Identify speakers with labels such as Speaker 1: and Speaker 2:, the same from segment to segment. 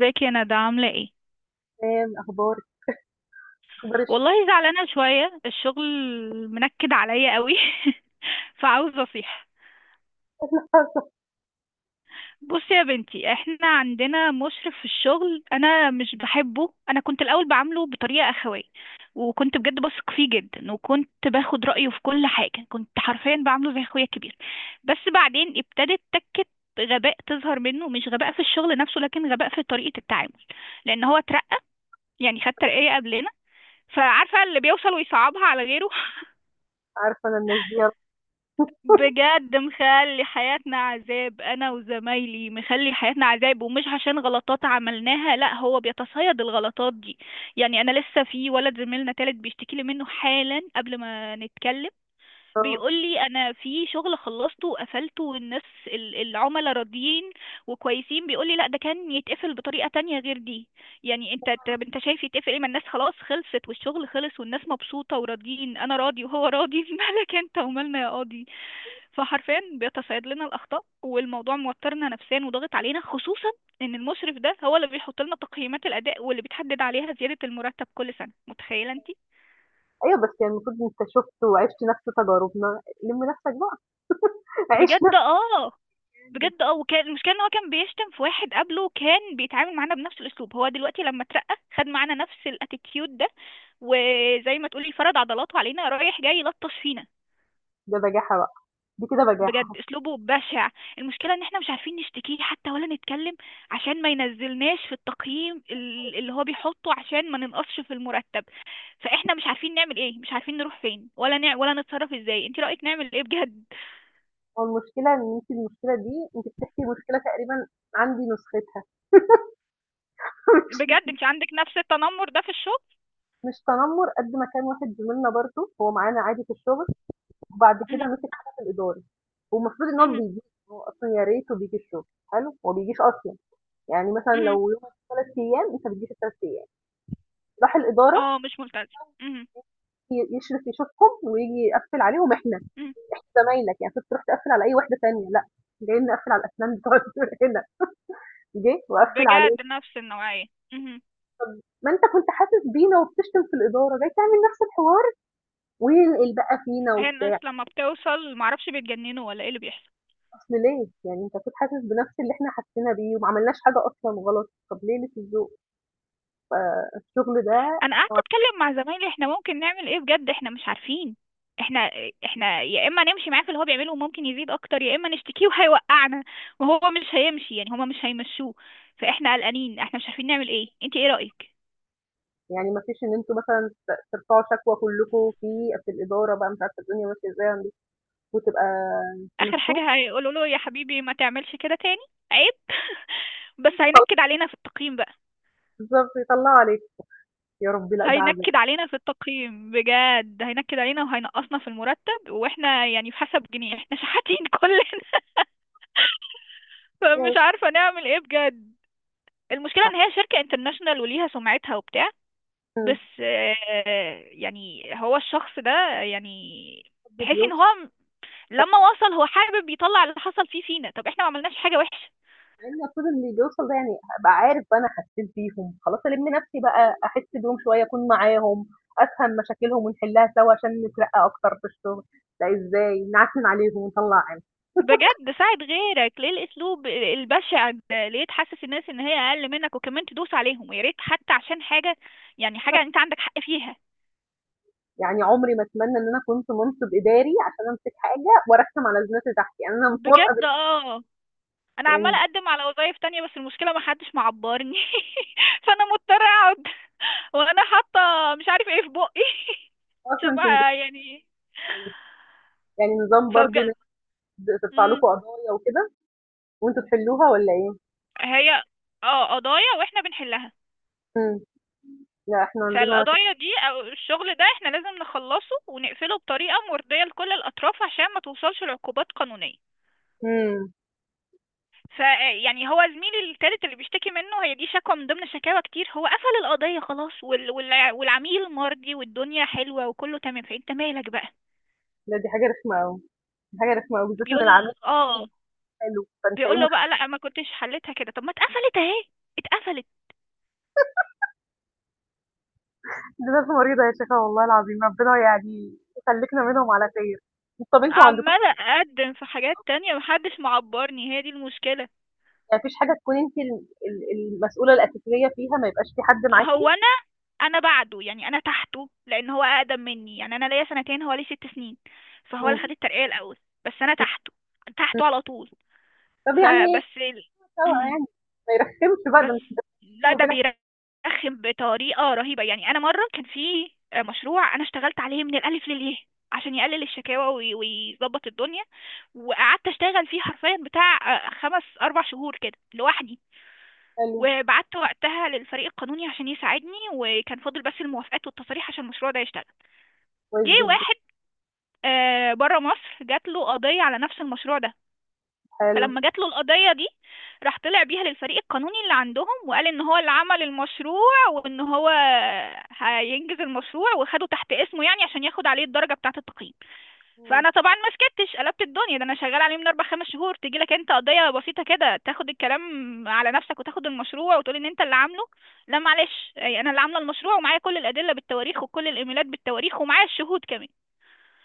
Speaker 1: ازيك يا ندى، عاملة ايه؟
Speaker 2: تمام، أخبارِك؟ أخبار الشغل.
Speaker 1: والله زعلانة شوية. الشغل منكد عليا قوي. فعاوزة اصيح. بصي يا بنتي، احنا عندنا مشرف في الشغل انا مش بحبه. انا كنت الاول بعامله بطريقة اخوية، وكنت بجد بثق فيه جدا، وكنت باخد رأيه في كل حاجة. كنت حرفيا بعامله زي اخويا الكبير. بس بعدين ابتدت تكة غباء تظهر منه، مش غباء في الشغل نفسه، لكن غباء في طريقة التعامل. لان هو اترقى، يعني خد ترقية قبلنا، فعارفة اللي بيوصل ويصعبها على غيره.
Speaker 2: عارفة أنا الناس دي.
Speaker 1: بجد مخلي حياتنا عذاب، انا وزمايلي مخلي حياتنا عذاب، ومش عشان غلطات عملناها، لا، هو بيتصيد الغلطات دي. يعني انا لسه في ولد زميلنا تالت بيشتكي لي منه حالا قبل ما نتكلم.
Speaker 2: آه.
Speaker 1: بيقول لي انا في شغل خلصته وقفلته، والناس العملاء راضيين وكويسين، بيقول لي لا ده كان يتقفل بطريقة تانية غير دي. يعني انت، طب انت شايف يتقفل ايه؟ ما الناس خلاص خلصت، والشغل خلص، والناس مبسوطة وراضيين، انا راضي وهو راضي. مالك انت ومالنا يا قاضي؟ فحرفيا بيتصيد لنا الاخطاء، والموضوع موترنا نفسيا وضاغط علينا، خصوصا ان المشرف ده هو اللي بيحط لنا تقييمات الاداء، واللي بتحدد عليها زيادة المرتب كل سنة. متخيلة انت.
Speaker 2: أيوه، بس يعني المفروض أنت شُفت وعِشت نفس تجاربنا، لِم نفسك بقى. عيش
Speaker 1: بجد
Speaker 2: نفسك.
Speaker 1: اه. بجد اه. وكان المشكله ان هو كان بيشتم في واحد قبله كان بيتعامل معانا بنفس الاسلوب، هو دلوقتي لما اترقى خد معانا نفس الاتيتيود ده، وزي ما تقولي فرد عضلاته علينا، رايح جاي يلطش فينا.
Speaker 2: ده بجاحة بقى، دي كده
Speaker 1: بجد
Speaker 2: بجاحة.
Speaker 1: اسلوبه بشع. المشكله ان احنا مش عارفين نشتكيه حتى ولا نتكلم، عشان ما ينزلناش في التقييم اللي هو بيحطه، عشان ما ننقصش في المرتب. فاحنا مش عارفين نعمل ايه، مش عارفين نروح فين، ولا ولا نتصرف ازاي. انت رايك نعمل ايه بجد؟
Speaker 2: هو المشكلة إن أنتِ، المشكلة دي أنتِ بتحكي، مشكلة تقريبًا عندي نسختها.
Speaker 1: بجد
Speaker 2: مش
Speaker 1: انت عندك نفس التنمر ده في الشغل؟
Speaker 2: مش تنمُّر، قد ما كان واحد زميلنا برضه، هو معانا عادي في الشغل، وبعد كده
Speaker 1: مهم.
Speaker 2: مسك حاجة في الإدارة. والمفروض إن هو
Speaker 1: مهم.
Speaker 2: بيجي. هو أصلًا يا ريته بييجي الشغل. حلو، هو ما بيجيش أصلًا. يعني مثلًا
Speaker 1: مهم.
Speaker 2: لو يومك 3 أيام، أنت بتجيش ال3 أيام. راح الإدارة
Speaker 1: اه مش ممتاز. مهم.
Speaker 2: يشرف يشوفهم وييجي يقفّل عليهم إحنا.
Speaker 1: مهم.
Speaker 2: إحنا زمايلك، يعني كنت تروح تقفّل على أي واحدة تانية؟ لأ، جاي نقفّل على الأسنان بتوع دول هنا. جِه وقفّل علينا.
Speaker 1: بجد نفس النوعية. مهم.
Speaker 2: ما أنت كنت حاسس بينا وبتشتم في الإدارة، جاي تعمل نفس الحوار وينقل بقى فينا
Speaker 1: هي الناس
Speaker 2: وبتاع.
Speaker 1: لما بتوصل معرفش بيتجننوا ولا ايه اللي بيحصل.
Speaker 2: أصل ليه؟ يعني أنت أكيد حاسس بنفس اللي إحنا حسينا بيه، وما عملناش حاجة أصلًا غلط. طب ليه؟ للذوق؟ فالشغل ده،
Speaker 1: انا قعدت اتكلم مع زمايلي، احنا ممكن نعمل ايه بجد؟ احنا مش عارفين. احنا احنا يا اما نمشي معاه في اللي هو بيعمله وممكن يزيد اكتر، يا اما نشتكيه وهيوقعنا، وهو مش هيمشي، يعني هما مش هيمشوه. فاحنا قلقانين، احنا مش عارفين نعمل ايه. انت ايه رأيك؟
Speaker 2: يعني ما فيش إن أنتم مثلًا ترفعوا شكوى كلّكم في الإدارة بقى؟ مش عارفة الدنيا ماشية إزاي عندكم وتبقى
Speaker 1: اخر
Speaker 2: تمشّوه.
Speaker 1: حاجة هيقولوا له يا حبيبي ما تعملش كده تاني، عيب. بس هينكد علينا في التقييم بقى.
Speaker 2: بالضبط يطلّعوا عليكم. يا ربي لأ، ده عذاب.
Speaker 1: هينكد علينا في التقييم بجد، هينكد علينا وهينقصنا في المرتب، واحنا يعني في حسب جنيه، احنا شحاتين كلنا. فمش
Speaker 2: ماشي.
Speaker 1: عارفة نعمل ايه بجد. المشكلة ان هي شركة انترناشونال وليها سمعتها وبتاع،
Speaker 2: إمم.
Speaker 1: بس آه، يعني هو الشخص ده يعني
Speaker 2: حد
Speaker 1: تحسي ان
Speaker 2: بيوصل.
Speaker 1: هو لما وصل، هو حابب يطلع اللي حصل فيه فينا. طب احنا ما عملناش حاجة وحشة.
Speaker 2: مع إن المفروض اللي بيوصل ده يعني أبقى عارف بقى، أنا حسيت بيهم، خلاص ألِم نفسي بقى، أحس بيهم شوية، أكون معاهم، أفهم مشاكلهم ونحلها سوا عشان نترقى أكتر في الشغل. لأ، إزاي نعكنن عليهم ونطلّع عين؟
Speaker 1: بجد ساعد غيرك، ليه الاسلوب البشع ده؟ ليه تحسس الناس ان هي اقل منك، وكمان تدوس عليهم؟ ويا ريت حتى عشان حاجه، يعني حاجه
Speaker 2: حاجة،
Speaker 1: انت عندك حق فيها.
Speaker 2: يعني عمري ما أتمنى إن أنا كنت منصب إداري عشان أمسك حاجة وأرخم على الناس اللي تحتي. يعني أنا موافقة
Speaker 1: بجد اه. انا
Speaker 2: يعني
Speaker 1: عماله اقدم على وظايف تانية، بس المشكله ما حدش معبرني. فانا مضطره اقعد. وانا حاطه مش عارف ايه في بقي. عشان
Speaker 2: أصلًا كنتم،
Speaker 1: يعني،
Speaker 2: يعني نظام برضه إن
Speaker 1: فبجد.
Speaker 2: أنتم ترفع
Speaker 1: مم.
Speaker 2: لكم قضايا وكده وأنتم تحلوها، والّا إيه؟
Speaker 1: هي اه، قضايا واحنا بنحلها.
Speaker 2: إمم. لأ إحنا عندنا.
Speaker 1: فالقضايا دي أو الشغل ده احنا لازم نخلصه ونقفله بطريقة مرضية لكل الأطراف، عشان ما توصلش لعقوبات قانونية.
Speaker 2: إمم.
Speaker 1: فيعني هو زميلي التالت اللي بيشتكي منه، هي دي شكوى من ضمن شكاوى كتير. هو قفل القضية خلاص، والعميل مرضي، والدنيا حلوة وكله تمام، فانت مالك بقى؟
Speaker 2: لأ، دي حاجة رخمة أوي، دي حاجة رخمة أوي، بالذات إن
Speaker 1: بيقول
Speaker 2: العميل كمان مدّي.
Speaker 1: اه،
Speaker 2: حلو، فأنت
Speaker 1: بيقول
Speaker 2: إيه
Speaker 1: له
Speaker 2: مشكلة
Speaker 1: بقى لا ما كنتش حلتها كده. طب ما اتقفلت اهي، اتقفلت.
Speaker 2: دي؟ ناس مريضة يا شيخة، والله العظيم ربنا يعني يخلّيكنا منهم على خير. طَب أنتم عندكم
Speaker 1: عمالة اقدم في حاجات تانية، محدش معبرني، هي دي المشكلة.
Speaker 2: ما فيش حاجة تكون أنتِ ال المسؤولة الأساسية فيها، ما يبقاش في حد معاكِ؟
Speaker 1: هو انا بعده، يعني انا تحته، لان هو اقدم مني، يعني انا ليا سنتين هو ليه ست سنين، فهو
Speaker 2: إمم.
Speaker 1: اللي خد الترقية الاول، بس انا تحته،
Speaker 2: إمم.
Speaker 1: تحته على طول.
Speaker 2: طَب يعني
Speaker 1: فبس ال...
Speaker 2: سوا
Speaker 1: مم.
Speaker 2: يعني، ما يرخّمش بقى ده؟
Speaker 1: بس
Speaker 2: أنتِ
Speaker 1: لا،
Speaker 2: بيني
Speaker 1: ده
Speaker 2: وبينك.
Speaker 1: بيرخم بطريقة رهيبة. يعني انا مرة كان في مشروع انا اشتغلت عليه من الالف للياء، عشان يقلل الشكاوى ويظبط الدنيا، وقعدت اشتغل فيه حرفيا بتاع خمس اربع شهور كده لوحدي،
Speaker 2: حلو.
Speaker 1: وبعت وقتها للفريق القانوني عشان يساعدني، وكان فاضل بس الموافقات والتصاريح عشان المشروع ده يشتغل.
Speaker 2: كويس
Speaker 1: جه
Speaker 2: جدًا.
Speaker 1: واحد بره مصر جات له قضية على نفس المشروع ده،
Speaker 2: حلو.
Speaker 1: فلما جات له القضية دي، راح طلع بيها للفريق القانوني اللي عندهم وقال ان هو اللي عمل المشروع، وان هو هينجز المشروع، وخده تحت اسمه، يعني عشان ياخد عليه الدرجة بتاعة التقييم.
Speaker 2: إمم.
Speaker 1: فانا طبعا ما سكتش، قلبت الدنيا. ده انا شغال عليه من اربع خمس شهور، تيجي لك انت قضية بسيطة كده تاخد الكلام على نفسك، وتاخد المشروع وتقول ان انت اللي عامله؟ لا معلش، يعني انا اللي عاملة المشروع، ومعايا كل الادلة بالتواريخ، وكل الايميلات بالتواريخ، ومعايا الشهود كمان.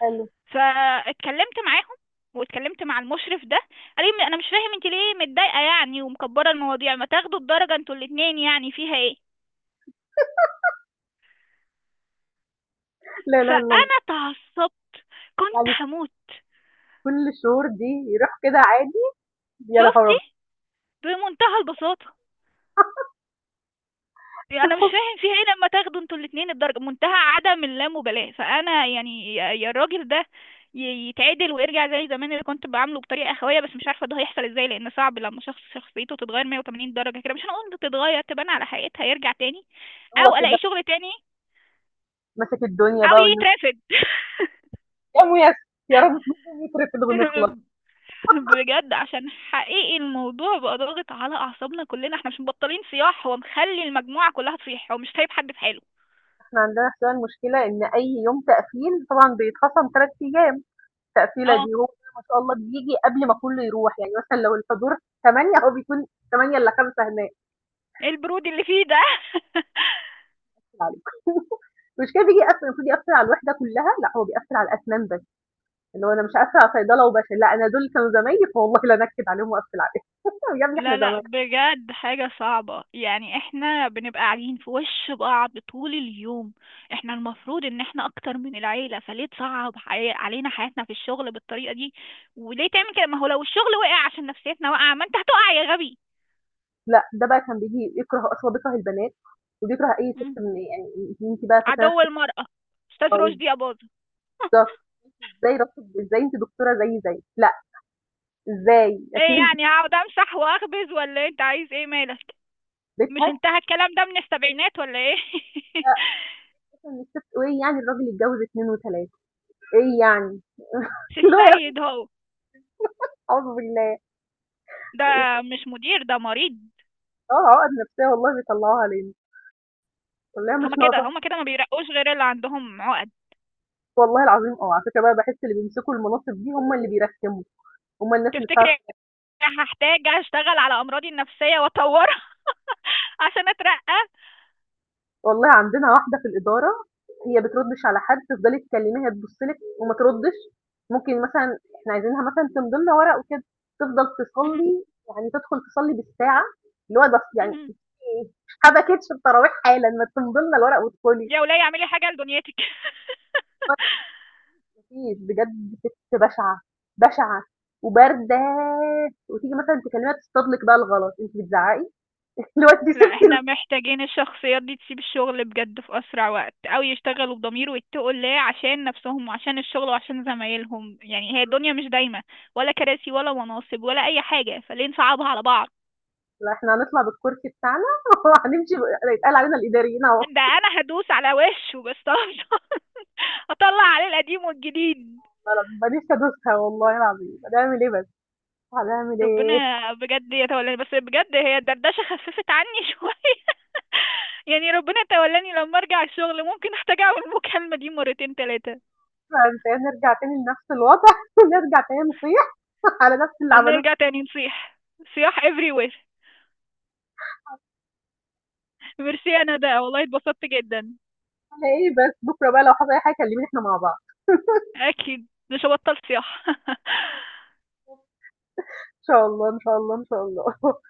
Speaker 2: حلو.
Speaker 1: فاتكلمت معاهم، واتكلمت مع المشرف ده، قال لي انا مش فاهم انت ليه متضايقه يعني، ومكبره المواضيع، ما تاخدوا الدرجه انتوا الاتنين، يعني فيها ايه؟
Speaker 2: لا إله إلا الله.
Speaker 1: فانا تعصبت، كنت
Speaker 2: يعني
Speaker 1: هموت.
Speaker 2: كل الشهور دي يروح كده عادي؟ يا
Speaker 1: شفتي؟
Speaker 2: لهوي!
Speaker 1: بمنتهى البساطه، يعني انا مش فاهم فيها ايه لما تاخدوا انتوا الاتنين الدرجه. منتهى عدم اللامبالاه. فانا يعني يا الراجل ده ي- يتعدل ويرجع زي زمان اللي كنت بعامله بطريقه اخويه، بس مش عارفه ده هيحصل ازاي، لان صعب لما شخص شخصيته تتغير 180 درجه كده. مش هنقول تتغير، تبان على حقيقتها. يرجع تاني،
Speaker 2: هو
Speaker 1: او
Speaker 2: كده
Speaker 1: الاقي شغل تاني،
Speaker 2: ماسك الدنيا
Speaker 1: او
Speaker 2: بقى.
Speaker 1: يترفد.
Speaker 2: يا ميسر. يا رب تكون يترفد ونخلص.
Speaker 1: بجد، عشان حقيقي الموضوع بقى ضاغط على اعصابنا كلنا، احنا مش مبطلين صياح، هو مخلي المجموعه كلها تصيح، هو مش سايب حد في حاله.
Speaker 2: احنا عندنا حسين، المشكلة ان اي يوم تقفيل طبعا بيتخصم 3 ايام. التقفيلة
Speaker 1: اه.
Speaker 2: دي هو ما شاء الله بيجي قبل ما كله يروح، يعني مثلا لو الحضور 8، هو بيكون 8 الا 5 هناك.
Speaker 1: ايه البرود اللي فيه ده؟
Speaker 2: عليك! المشكله بيجي يقفل، المفروض يقفل على الوحده كلها، لا هو بيقفل على الاسنان بس، اللي هو انا مش هقفل على صيدله وبشر. لا، انا دول كانوا زمايلي، فوالله لا انكد عليهم واقفل عليهم. يا ابني احنا
Speaker 1: لا لا،
Speaker 2: زمايل.
Speaker 1: بجد حاجة صعبة. يعني احنا بنبقى قاعدين في وش بعض طول اليوم، احنا المفروض ان احنا اكتر من العيلة، فليه تصعب علينا حياتنا في الشغل بالطريقة دي؟ وليه تعمل كده؟ ما هو لو الشغل وقع عشان نفسيتنا واقعة، ما انت هتقع يا غبي.
Speaker 2: لا ده بقى كان بيجي يكره، اصلا بيكره البنات وبيكره اي ست.
Speaker 1: مم.
Speaker 2: من يعني انت بقى فاكره
Speaker 1: عدو
Speaker 2: نفسك؟
Speaker 1: المرأة. استاذ
Speaker 2: أو
Speaker 1: رشدي يا باظة.
Speaker 2: ده، ازاي رفض؟ ازاي انت دكتوره زي لا؟ ازاي؟
Speaker 1: ايه
Speaker 2: اكيد انت في
Speaker 1: يعني، هقعد امسح واخبز ولا إيه؟ انت عايز ايه؟ مالك؟ مش
Speaker 2: بيتها.
Speaker 1: انتهى الكلام ده من السبعينات ولا ايه؟
Speaker 2: لا، اصلا الست، ايه يعني الراجل يتجوز اتنين وتلاته؟ ايه يعني؟
Speaker 1: مش
Speaker 2: اللي هو يا
Speaker 1: السيد
Speaker 2: أخي
Speaker 1: هو
Speaker 2: اعوذ بالله.
Speaker 1: ده. مش مدير، ده مريض.
Speaker 2: اه، عقد نفسيه والله بيطلعوها علينا، والله مش
Speaker 1: هما كده،
Speaker 2: ناقصه.
Speaker 1: هما كده ما بيرقوش غير اللي عندهم عقد.
Speaker 2: والله العظيم، اه، على فكره بقى بحس اللي بيمسكوا المناصب دي هم اللي بيرخموا، هم الناس اللي بتعرف.
Speaker 1: تفتكري هحتاج اشتغل على امراضي النفسية واطورها عشان اترقى؟
Speaker 2: والله عندنا واحدة في الإدارة، هي بتردش على حد. تفضلي تكلميها تبصلك وما تردش. ممكن مثلا احنا عايزينها مثلا تمضي لنا ورق وكده، تفضل
Speaker 1: مهم.
Speaker 2: تصلي، يعني تدخل تصلي بالساعة. اللي هو ده يعني،
Speaker 1: مهم.
Speaker 2: في إيه؟ حبكتش التراويح؟ حالا ما تمضي لنا الورق وادخلي.
Speaker 1: يا ولاية اعملي حاجة لدنيتك.
Speaker 2: مفيش، بجد ست بشعة، بشعة وباردة. وتيجي مثلا تكلميها تصطدلك بقى الغلط انت بتزعقي. اللي هو انت
Speaker 1: لا،
Speaker 2: سبتي
Speaker 1: احنا
Speaker 2: الم-
Speaker 1: محتاجين الشخصيات دي تسيب الشغل بجد في اسرع وقت، او يشتغلوا بضمير ويتقوا الله عشان نفسهم، وعشان الشغل، وعشان زمايلهم. يعني هي الدنيا مش دايمة، ولا كراسي، ولا مناصب، ولا اي حاجة، فليه نصعبها على بعض؟
Speaker 2: لا، احنا هنطلع بالكرسي بتاعنا، وهنمشي بقى. هيتقال علينا الإداريين اهو.
Speaker 1: ده انا هدوس على وشه بس طبعا، هطلع عليه القديم والجديد.
Speaker 2: فأنا ما نفسي أدوسها والله العظيم. هنعمل إيه بس؟ هنعمل إيه؟
Speaker 1: ربنا بجد يتولاني، بس بجد هي الدردشة خففت عني شوية. يعني ربنا يتولاني لما ارجع الشغل، ممكن احتاج اعمل المكالمة دي مرتين تلاتة،
Speaker 2: بعد كده نرجع تاني لنفس الوضع، نرجع تاني نصيح على نفس اللي
Speaker 1: او
Speaker 2: عملوه.
Speaker 1: نرجع تاني نصيح. صياح everywhere. ميرسي، انا ده والله اتبسطت جدا.
Speaker 2: فينا إيه بس؟ بكرة بقى لو حصل أي حاجة كلميني، إحنا مع بعض.
Speaker 1: اكيد مش هبطل صياح.
Speaker 2: إن شاء الله، إن شاء الله، إن شاء الله.